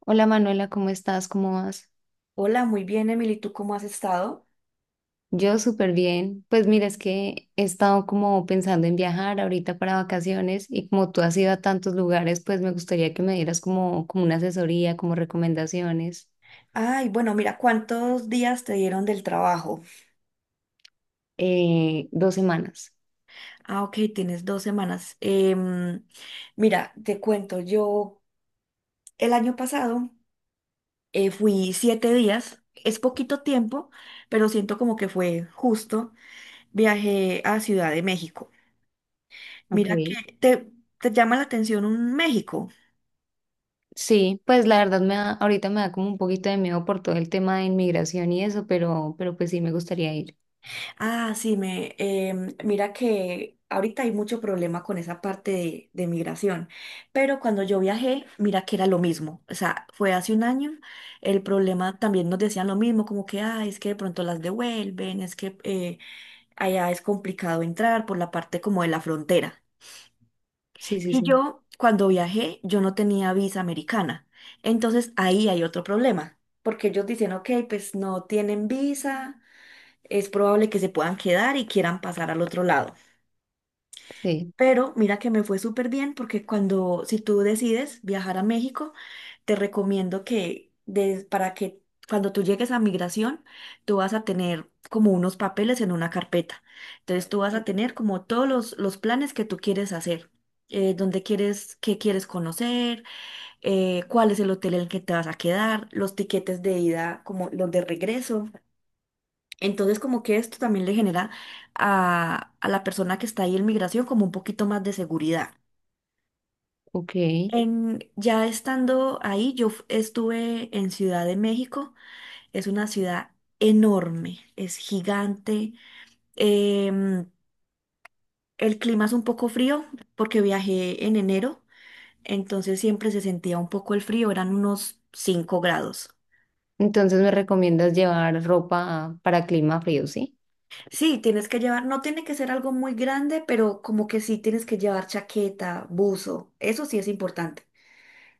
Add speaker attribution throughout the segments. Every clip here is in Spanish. Speaker 1: Hola Manuela, ¿cómo estás? ¿Cómo vas?
Speaker 2: Hola, muy bien, Emily, ¿tú cómo has estado?
Speaker 1: Yo súper bien. Pues mira, es que he estado como pensando en viajar ahorita para vacaciones y como tú has ido a tantos lugares, pues me gustaría que me dieras como una asesoría, como recomendaciones.
Speaker 2: Ay, bueno, mira, ¿cuántos días te dieron del trabajo?
Speaker 1: Dos semanas.
Speaker 2: Ah, ok, tienes 2 semanas. Mira, te cuento, yo el año pasado fui 7 días, es poquito tiempo, pero siento como que fue justo. Viajé a Ciudad de México.
Speaker 1: Ok.
Speaker 2: Mira que te, te llama la atención un México.
Speaker 1: Sí, pues la verdad ahorita me da como un poquito de miedo por todo el tema de inmigración y eso, pero pues sí me gustaría ir.
Speaker 2: Ah, sí, mira que ahorita hay mucho problema con esa parte de migración, pero cuando yo viajé, mira que era lo mismo, o sea, fue hace un año, el problema también nos decían lo mismo, como que, ah, es que de pronto las devuelven, es que allá es complicado entrar por la parte como de la frontera.
Speaker 1: Sí, sí,
Speaker 2: Y
Speaker 1: sí.
Speaker 2: yo, cuando viajé, yo no tenía visa americana, entonces ahí hay otro problema, porque ellos dicen, ok, pues no tienen visa es probable que se puedan quedar y quieran pasar al otro lado.
Speaker 1: Sí,
Speaker 2: Pero mira que me fue súper bien porque cuando, si tú decides viajar a México, te recomiendo que para que cuando tú llegues a migración, tú vas a tener como unos papeles en una carpeta. Entonces tú vas a tener como todos los planes que tú quieres hacer. Dónde quieres, qué quieres conocer, cuál es el hotel en el que te vas a quedar, los tiquetes de ida, como los de regreso. Entonces, como que esto también le genera a la persona que está ahí en migración como un poquito más de seguridad.
Speaker 1: ok.
Speaker 2: Ya estando ahí, estuve en Ciudad de México. Es una ciudad enorme, es gigante. Em, el clima es un poco frío porque viajé en enero, entonces siempre se sentía un poco el frío, eran unos 5 grados.
Speaker 1: Entonces me recomiendas llevar ropa para clima frío, ¿sí?
Speaker 2: Sí, tienes que llevar, no tiene que ser algo muy grande, pero como que sí tienes que llevar chaqueta, buzo, eso sí es importante.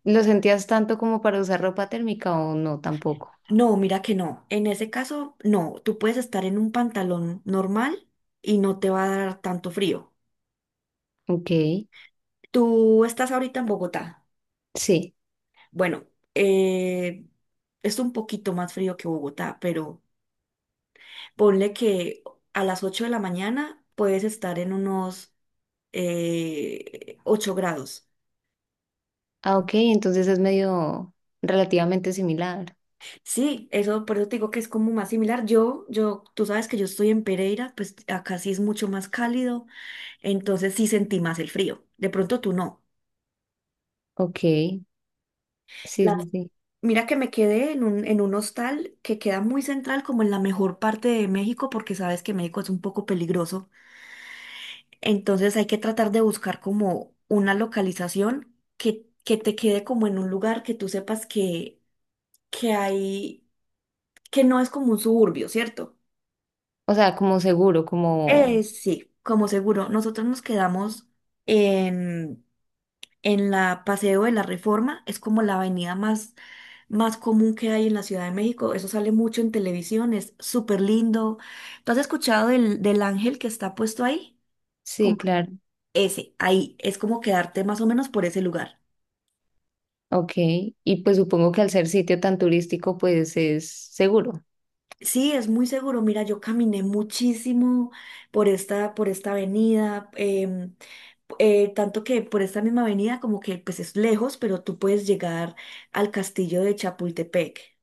Speaker 1: ¿Lo sentías tanto como para usar ropa térmica o no tampoco?
Speaker 2: No, mira que no, en ese caso no, tú puedes estar en un pantalón normal y no te va a dar tanto frío.
Speaker 1: Ok,
Speaker 2: Tú estás ahorita en Bogotá.
Speaker 1: sí.
Speaker 2: Bueno, eh, es un poquito más frío que Bogotá, pero ponle que a las 8 de la mañana puedes estar en unos 8 grados.
Speaker 1: Ah, ok, entonces es medio relativamente similar.
Speaker 2: Sí, eso por eso te digo que es como más similar. Tú sabes que yo estoy en Pereira, pues acá sí es mucho más cálido, entonces sí sentí más el frío. De pronto tú no.
Speaker 1: Ok, sí,
Speaker 2: Las-
Speaker 1: sí, sí.
Speaker 2: Mira que me quedé en un hostal que queda muy central, como en la mejor parte de México, porque sabes que México es un poco peligroso. Entonces hay que tratar de buscar como una localización que te quede como en un lugar que tú sepas que hay, que no es como un suburbio, ¿cierto?
Speaker 1: O sea, como seguro, como...
Speaker 2: Sí, como seguro, nosotros nos quedamos en, en la Paseo de la Reforma, es como la avenida más común que hay en la Ciudad de México, eso sale mucho en televisión, es súper lindo. ¿Tú has escuchado del ángel que está puesto ahí?
Speaker 1: Sí,
Speaker 2: Como
Speaker 1: claro.
Speaker 2: ese, ahí, es como quedarte más o menos por ese lugar.
Speaker 1: Ok, y pues supongo que al ser sitio tan turístico, pues es seguro.
Speaker 2: Sí, es muy seguro. Mira, yo caminé muchísimo por esta avenida, tanto que por esta misma avenida como que pues es lejos, pero tú puedes llegar al castillo de Chapultepec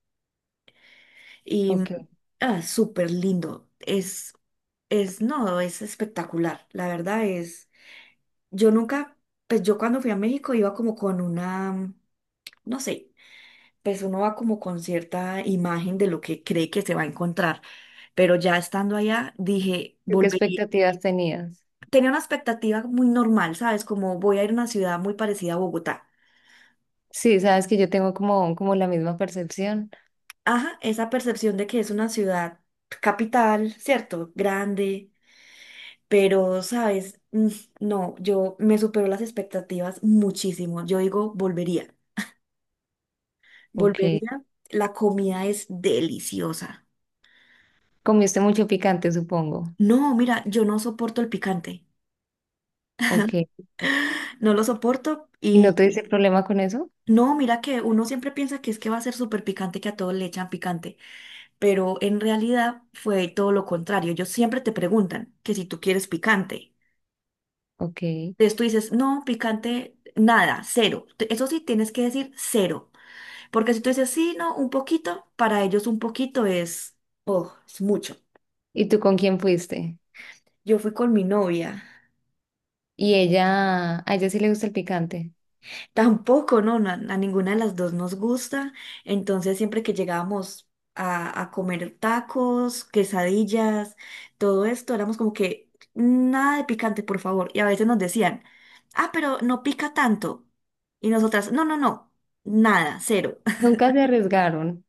Speaker 2: y
Speaker 1: Ok.
Speaker 2: ah, súper lindo. No, es espectacular. La verdad es, yo nunca, pues yo cuando fui a México iba como con una, no sé, pues uno va como con cierta imagen de lo que cree que se va a encontrar. Pero ya estando allá, dije,
Speaker 1: ¿Tú ¿Qué
Speaker 2: volvería.
Speaker 1: expectativas tenías?
Speaker 2: Tenía una expectativa muy normal, ¿sabes? Como voy a ir a una ciudad muy parecida a Bogotá.
Speaker 1: Sí, sabes que yo tengo como la misma percepción.
Speaker 2: Ajá, esa percepción de que es una ciudad capital, ¿cierto? Grande, pero, ¿sabes? No, yo me superó las expectativas muchísimo. Yo digo, volvería.
Speaker 1: Ok.
Speaker 2: Volvería. La comida es deliciosa.
Speaker 1: Comiste mucho picante, supongo.
Speaker 2: No, mira, yo no soporto el picante.
Speaker 1: Ok.
Speaker 2: No lo soporto.
Speaker 1: ¿Y no tuviste problema con eso?
Speaker 2: No, mira que uno siempre piensa que es que va a ser súper picante, que a todos le echan picante, pero en realidad fue todo lo contrario. Ellos siempre te preguntan que si tú quieres picante.
Speaker 1: Ok.
Speaker 2: Entonces tú dices, no, picante, nada, cero. Eso sí, tienes que decir cero, porque si tú dices, sí, no, un poquito, para ellos un poquito es, oh, es mucho.
Speaker 1: ¿Y tú con quién fuiste?
Speaker 2: Yo fui con mi novia.
Speaker 1: Y ella, a ella sí le gusta el picante.
Speaker 2: Tampoco, no, ninguna de las dos nos gusta. Entonces, siempre que llegábamos a comer tacos, quesadillas, todo esto, éramos como que nada de picante, por favor. Y a veces nos decían, ah, pero no pica tanto. Y nosotras, no, no, no, nada, cero.
Speaker 1: Nunca se arriesgaron.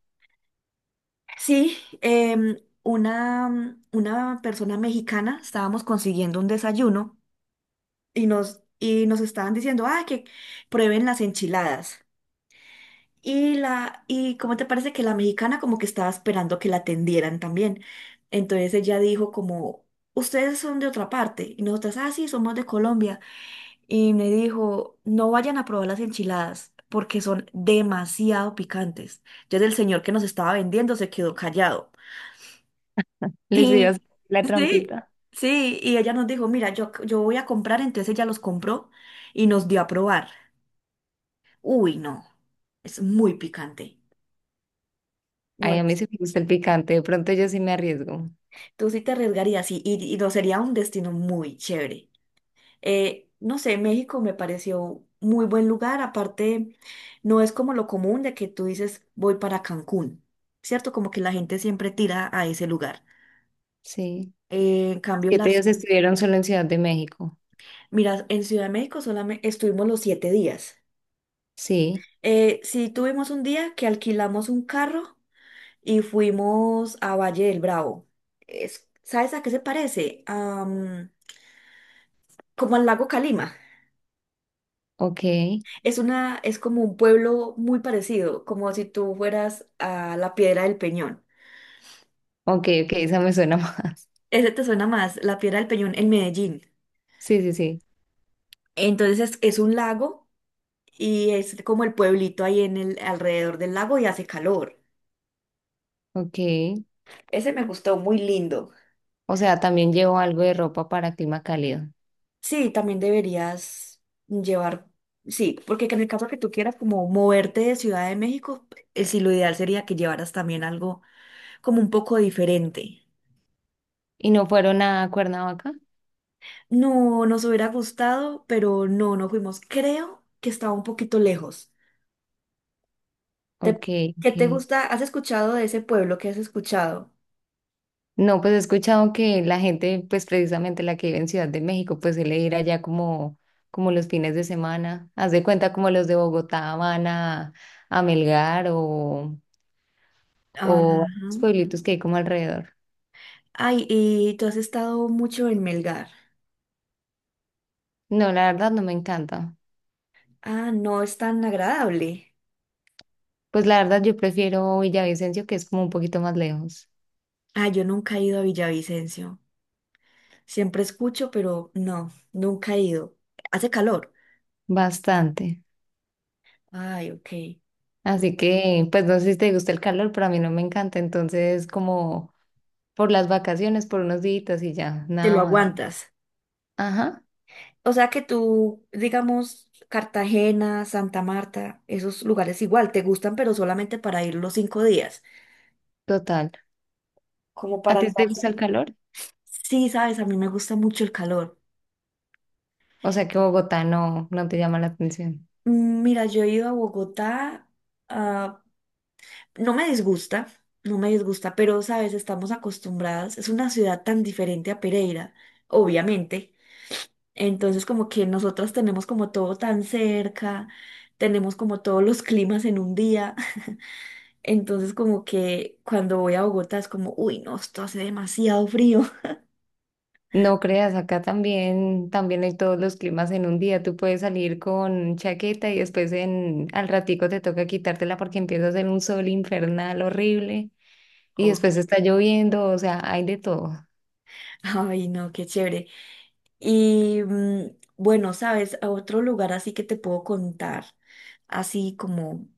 Speaker 2: Sí, una persona mexicana, estábamos consiguiendo un desayuno y nos estaban diciendo, ah, que prueben las enchiladas. Y cómo te parece que la mexicana como que estaba esperando que la atendieran también. Entonces ella dijo como, ustedes son de otra parte. Y nosotras, ah, sí, somos de Colombia. Y me dijo, no vayan a probar las enchiladas porque son demasiado picantes. Entonces el señor que nos estaba vendiendo se quedó callado.
Speaker 1: Les iba a hacer
Speaker 2: Y
Speaker 1: la
Speaker 2: sí,
Speaker 1: trampita.
Speaker 2: sí, y ella nos dijo, mira, yo voy a comprar. Entonces ella los compró y nos dio a probar. Uy, no, es muy picante. No.
Speaker 1: Ay, a mí sí me gusta el picante. De pronto yo sí me arriesgo.
Speaker 2: Tú sí te arriesgarías y no sería un destino muy chévere. No sé, México me pareció muy buen lugar. Aparte, no es como lo común de que tú dices voy para Cancún, ¿cierto? Como que la gente siempre tira a ese lugar.
Speaker 1: Sí.
Speaker 2: Eh, en
Speaker 1: Los
Speaker 2: cambio,
Speaker 1: siete
Speaker 2: las...
Speaker 1: días estuvieron solo en Ciudad de México.
Speaker 2: Mira, en Ciudad de México solamente estuvimos los 7 días.
Speaker 1: Sí.
Speaker 2: Sí tuvimos un día que alquilamos un carro y fuimos a Valle del Bravo. ¿Sabes a qué se parece? Como al lago Calima.
Speaker 1: Ok.
Speaker 2: Es como un pueblo muy parecido, como si tú fueras a la Piedra del Peñón.
Speaker 1: Ok, ok. Esa me suena más.
Speaker 2: Ese te suena más, la Piedra del Peñón en Medellín.
Speaker 1: Sí, sí, sí.
Speaker 2: Entonces es un lago y es como el pueblito ahí en el alrededor del lago y hace calor.
Speaker 1: Ok.
Speaker 2: Ese me gustó, muy lindo.
Speaker 1: O sea, también llevo algo de ropa para clima cálido.
Speaker 2: Sí, también deberías llevar, sí, porque en el caso que tú quieras como moverte de Ciudad de México, sí, lo ideal sería que llevaras también algo como un poco diferente.
Speaker 1: ¿Y no fueron a Cuernavaca?
Speaker 2: No, nos hubiera gustado, pero no, no fuimos. Creo que estaba un poquito lejos. ¿Te-
Speaker 1: Ok,
Speaker 2: ¿Qué
Speaker 1: ok.
Speaker 2: te gusta? ¿Has escuchado de ese pueblo? ¿Qué has escuchado?
Speaker 1: No, pues he escuchado que la gente, pues precisamente la que vive en Ciudad de México, pues suele ir allá como los fines de semana. Haz de cuenta como los de Bogotá van a Melgar
Speaker 2: Ajá.
Speaker 1: o a los pueblitos que hay como alrededor.
Speaker 2: Ay, y tú has estado mucho en Melgar.
Speaker 1: No, la verdad no me encanta.
Speaker 2: Ah, no es tan agradable.
Speaker 1: Pues la verdad yo prefiero Villavicencio, que es como un poquito más lejos.
Speaker 2: Ah, yo nunca he ido a Villavicencio. Siempre escucho, pero no, nunca he ido. Hace calor.
Speaker 1: Bastante.
Speaker 2: Ay, ok.
Speaker 1: Así que, pues no sé si te gusta el calor, pero a mí no me encanta. Entonces, como por las vacaciones, por unos días y ya,
Speaker 2: Te
Speaker 1: nada
Speaker 2: lo
Speaker 1: más.
Speaker 2: aguantas.
Speaker 1: Ajá,
Speaker 2: O sea que tú, digamos, Cartagena, Santa Marta, esos lugares igual te gustan, pero solamente para ir los 5 días,
Speaker 1: total.
Speaker 2: como
Speaker 1: ¿A
Speaker 2: para
Speaker 1: ti
Speaker 2: estar.
Speaker 1: te gusta el calor?
Speaker 2: Sí, sabes, a mí me gusta mucho el calor.
Speaker 1: O sea que Bogotá no, no te llama la atención.
Speaker 2: Mira, yo he ido a Bogotá, ah, no me disgusta, no me disgusta, pero sabes, estamos acostumbradas, es una ciudad tan diferente a Pereira, obviamente. Entonces, como que nosotras tenemos como todo tan cerca, tenemos como todos los climas en un día. Entonces como que cuando voy a Bogotá es como, uy, no, esto hace demasiado frío.
Speaker 1: No creas, acá también, también hay todos los climas en un día. Tú puedes salir con chaqueta y después al ratico te toca quitártela porque empieza a hacer un sol infernal horrible y
Speaker 2: Oh,
Speaker 1: después está lloviendo, o sea, hay de todo.
Speaker 2: Ay, no, qué chévere. Y bueno, sabes, a otro lugar así que te puedo contar, así como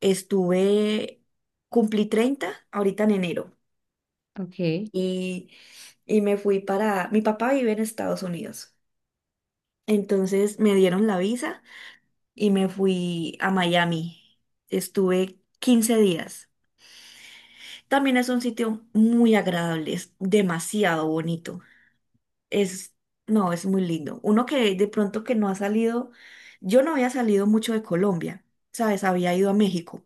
Speaker 2: estuve, cumplí 30 ahorita en enero
Speaker 1: Ok,
Speaker 2: y, y me fui para, mi papá vive en Estados Unidos, entonces me dieron la visa y me fui a Miami. Estuve 15 días. También es un sitio muy agradable, es demasiado bonito. Es, no, es muy lindo. Uno que de pronto que no ha salido, yo no había salido mucho de Colombia, ¿sabes? Había ido a México,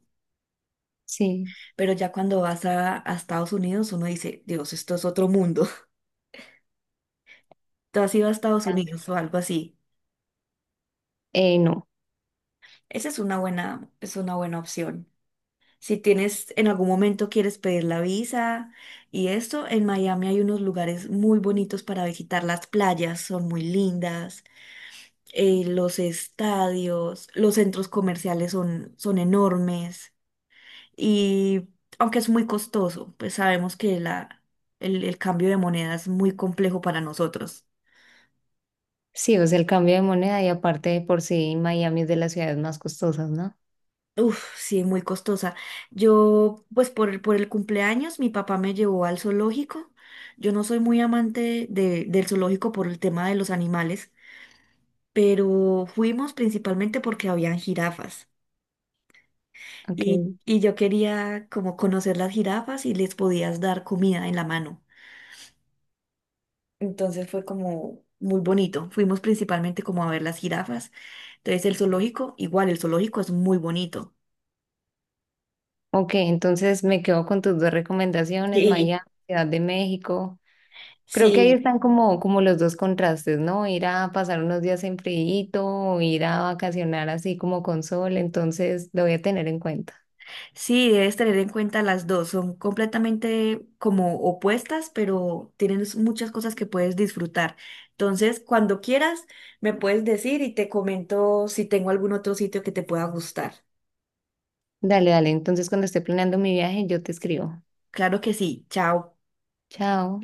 Speaker 1: sí.
Speaker 2: pero ya cuando vas a Estados Unidos uno dice, Dios, esto es otro mundo. ¿Tú has ido a Estados
Speaker 1: Ya.
Speaker 2: Unidos o algo así?
Speaker 1: No,
Speaker 2: Esa es es una buena opción. Si tienes, en algún momento quieres pedir la visa y esto, en Miami hay unos lugares muy bonitos para visitar. Las playas son muy lindas. Los estadios, los centros comerciales son enormes y aunque es muy costoso, pues sabemos que el cambio de moneda es muy complejo para nosotros.
Speaker 1: sí, o sea, el cambio de moneda y aparte de por sí Miami es de las ciudades más costosas, ¿no?
Speaker 2: Uf, sí, muy costosa. Yo, pues por el cumpleaños, mi papá me llevó al zoológico. Yo no soy muy amante del zoológico por el tema de los animales, pero fuimos principalmente porque habían jirafas. Y,
Speaker 1: Ok.
Speaker 2: y yo quería como conocer las jirafas y les podías dar comida en la mano. Entonces fue como muy bonito. Fuimos principalmente como a ver las jirafas. Entonces el zoológico, igual el zoológico es muy bonito.
Speaker 1: Ok, entonces me quedo con tus dos recomendaciones,
Speaker 2: Sí.
Speaker 1: Miami, Ciudad de México. Creo que ahí
Speaker 2: Sí,
Speaker 1: están como, como los dos contrastes, ¿no? Ir a pasar unos días en friito, o ir a vacacionar así como con sol, entonces lo voy a tener en cuenta.
Speaker 2: sí, debes tener en cuenta las dos. Son completamente como opuestas, pero tienen muchas cosas que puedes disfrutar. Entonces, cuando quieras, me puedes decir y te comento si tengo algún otro sitio que te pueda gustar.
Speaker 1: Dale, dale, entonces cuando esté planeando mi viaje yo te escribo.
Speaker 2: Claro que sí. Chao.
Speaker 1: Chao.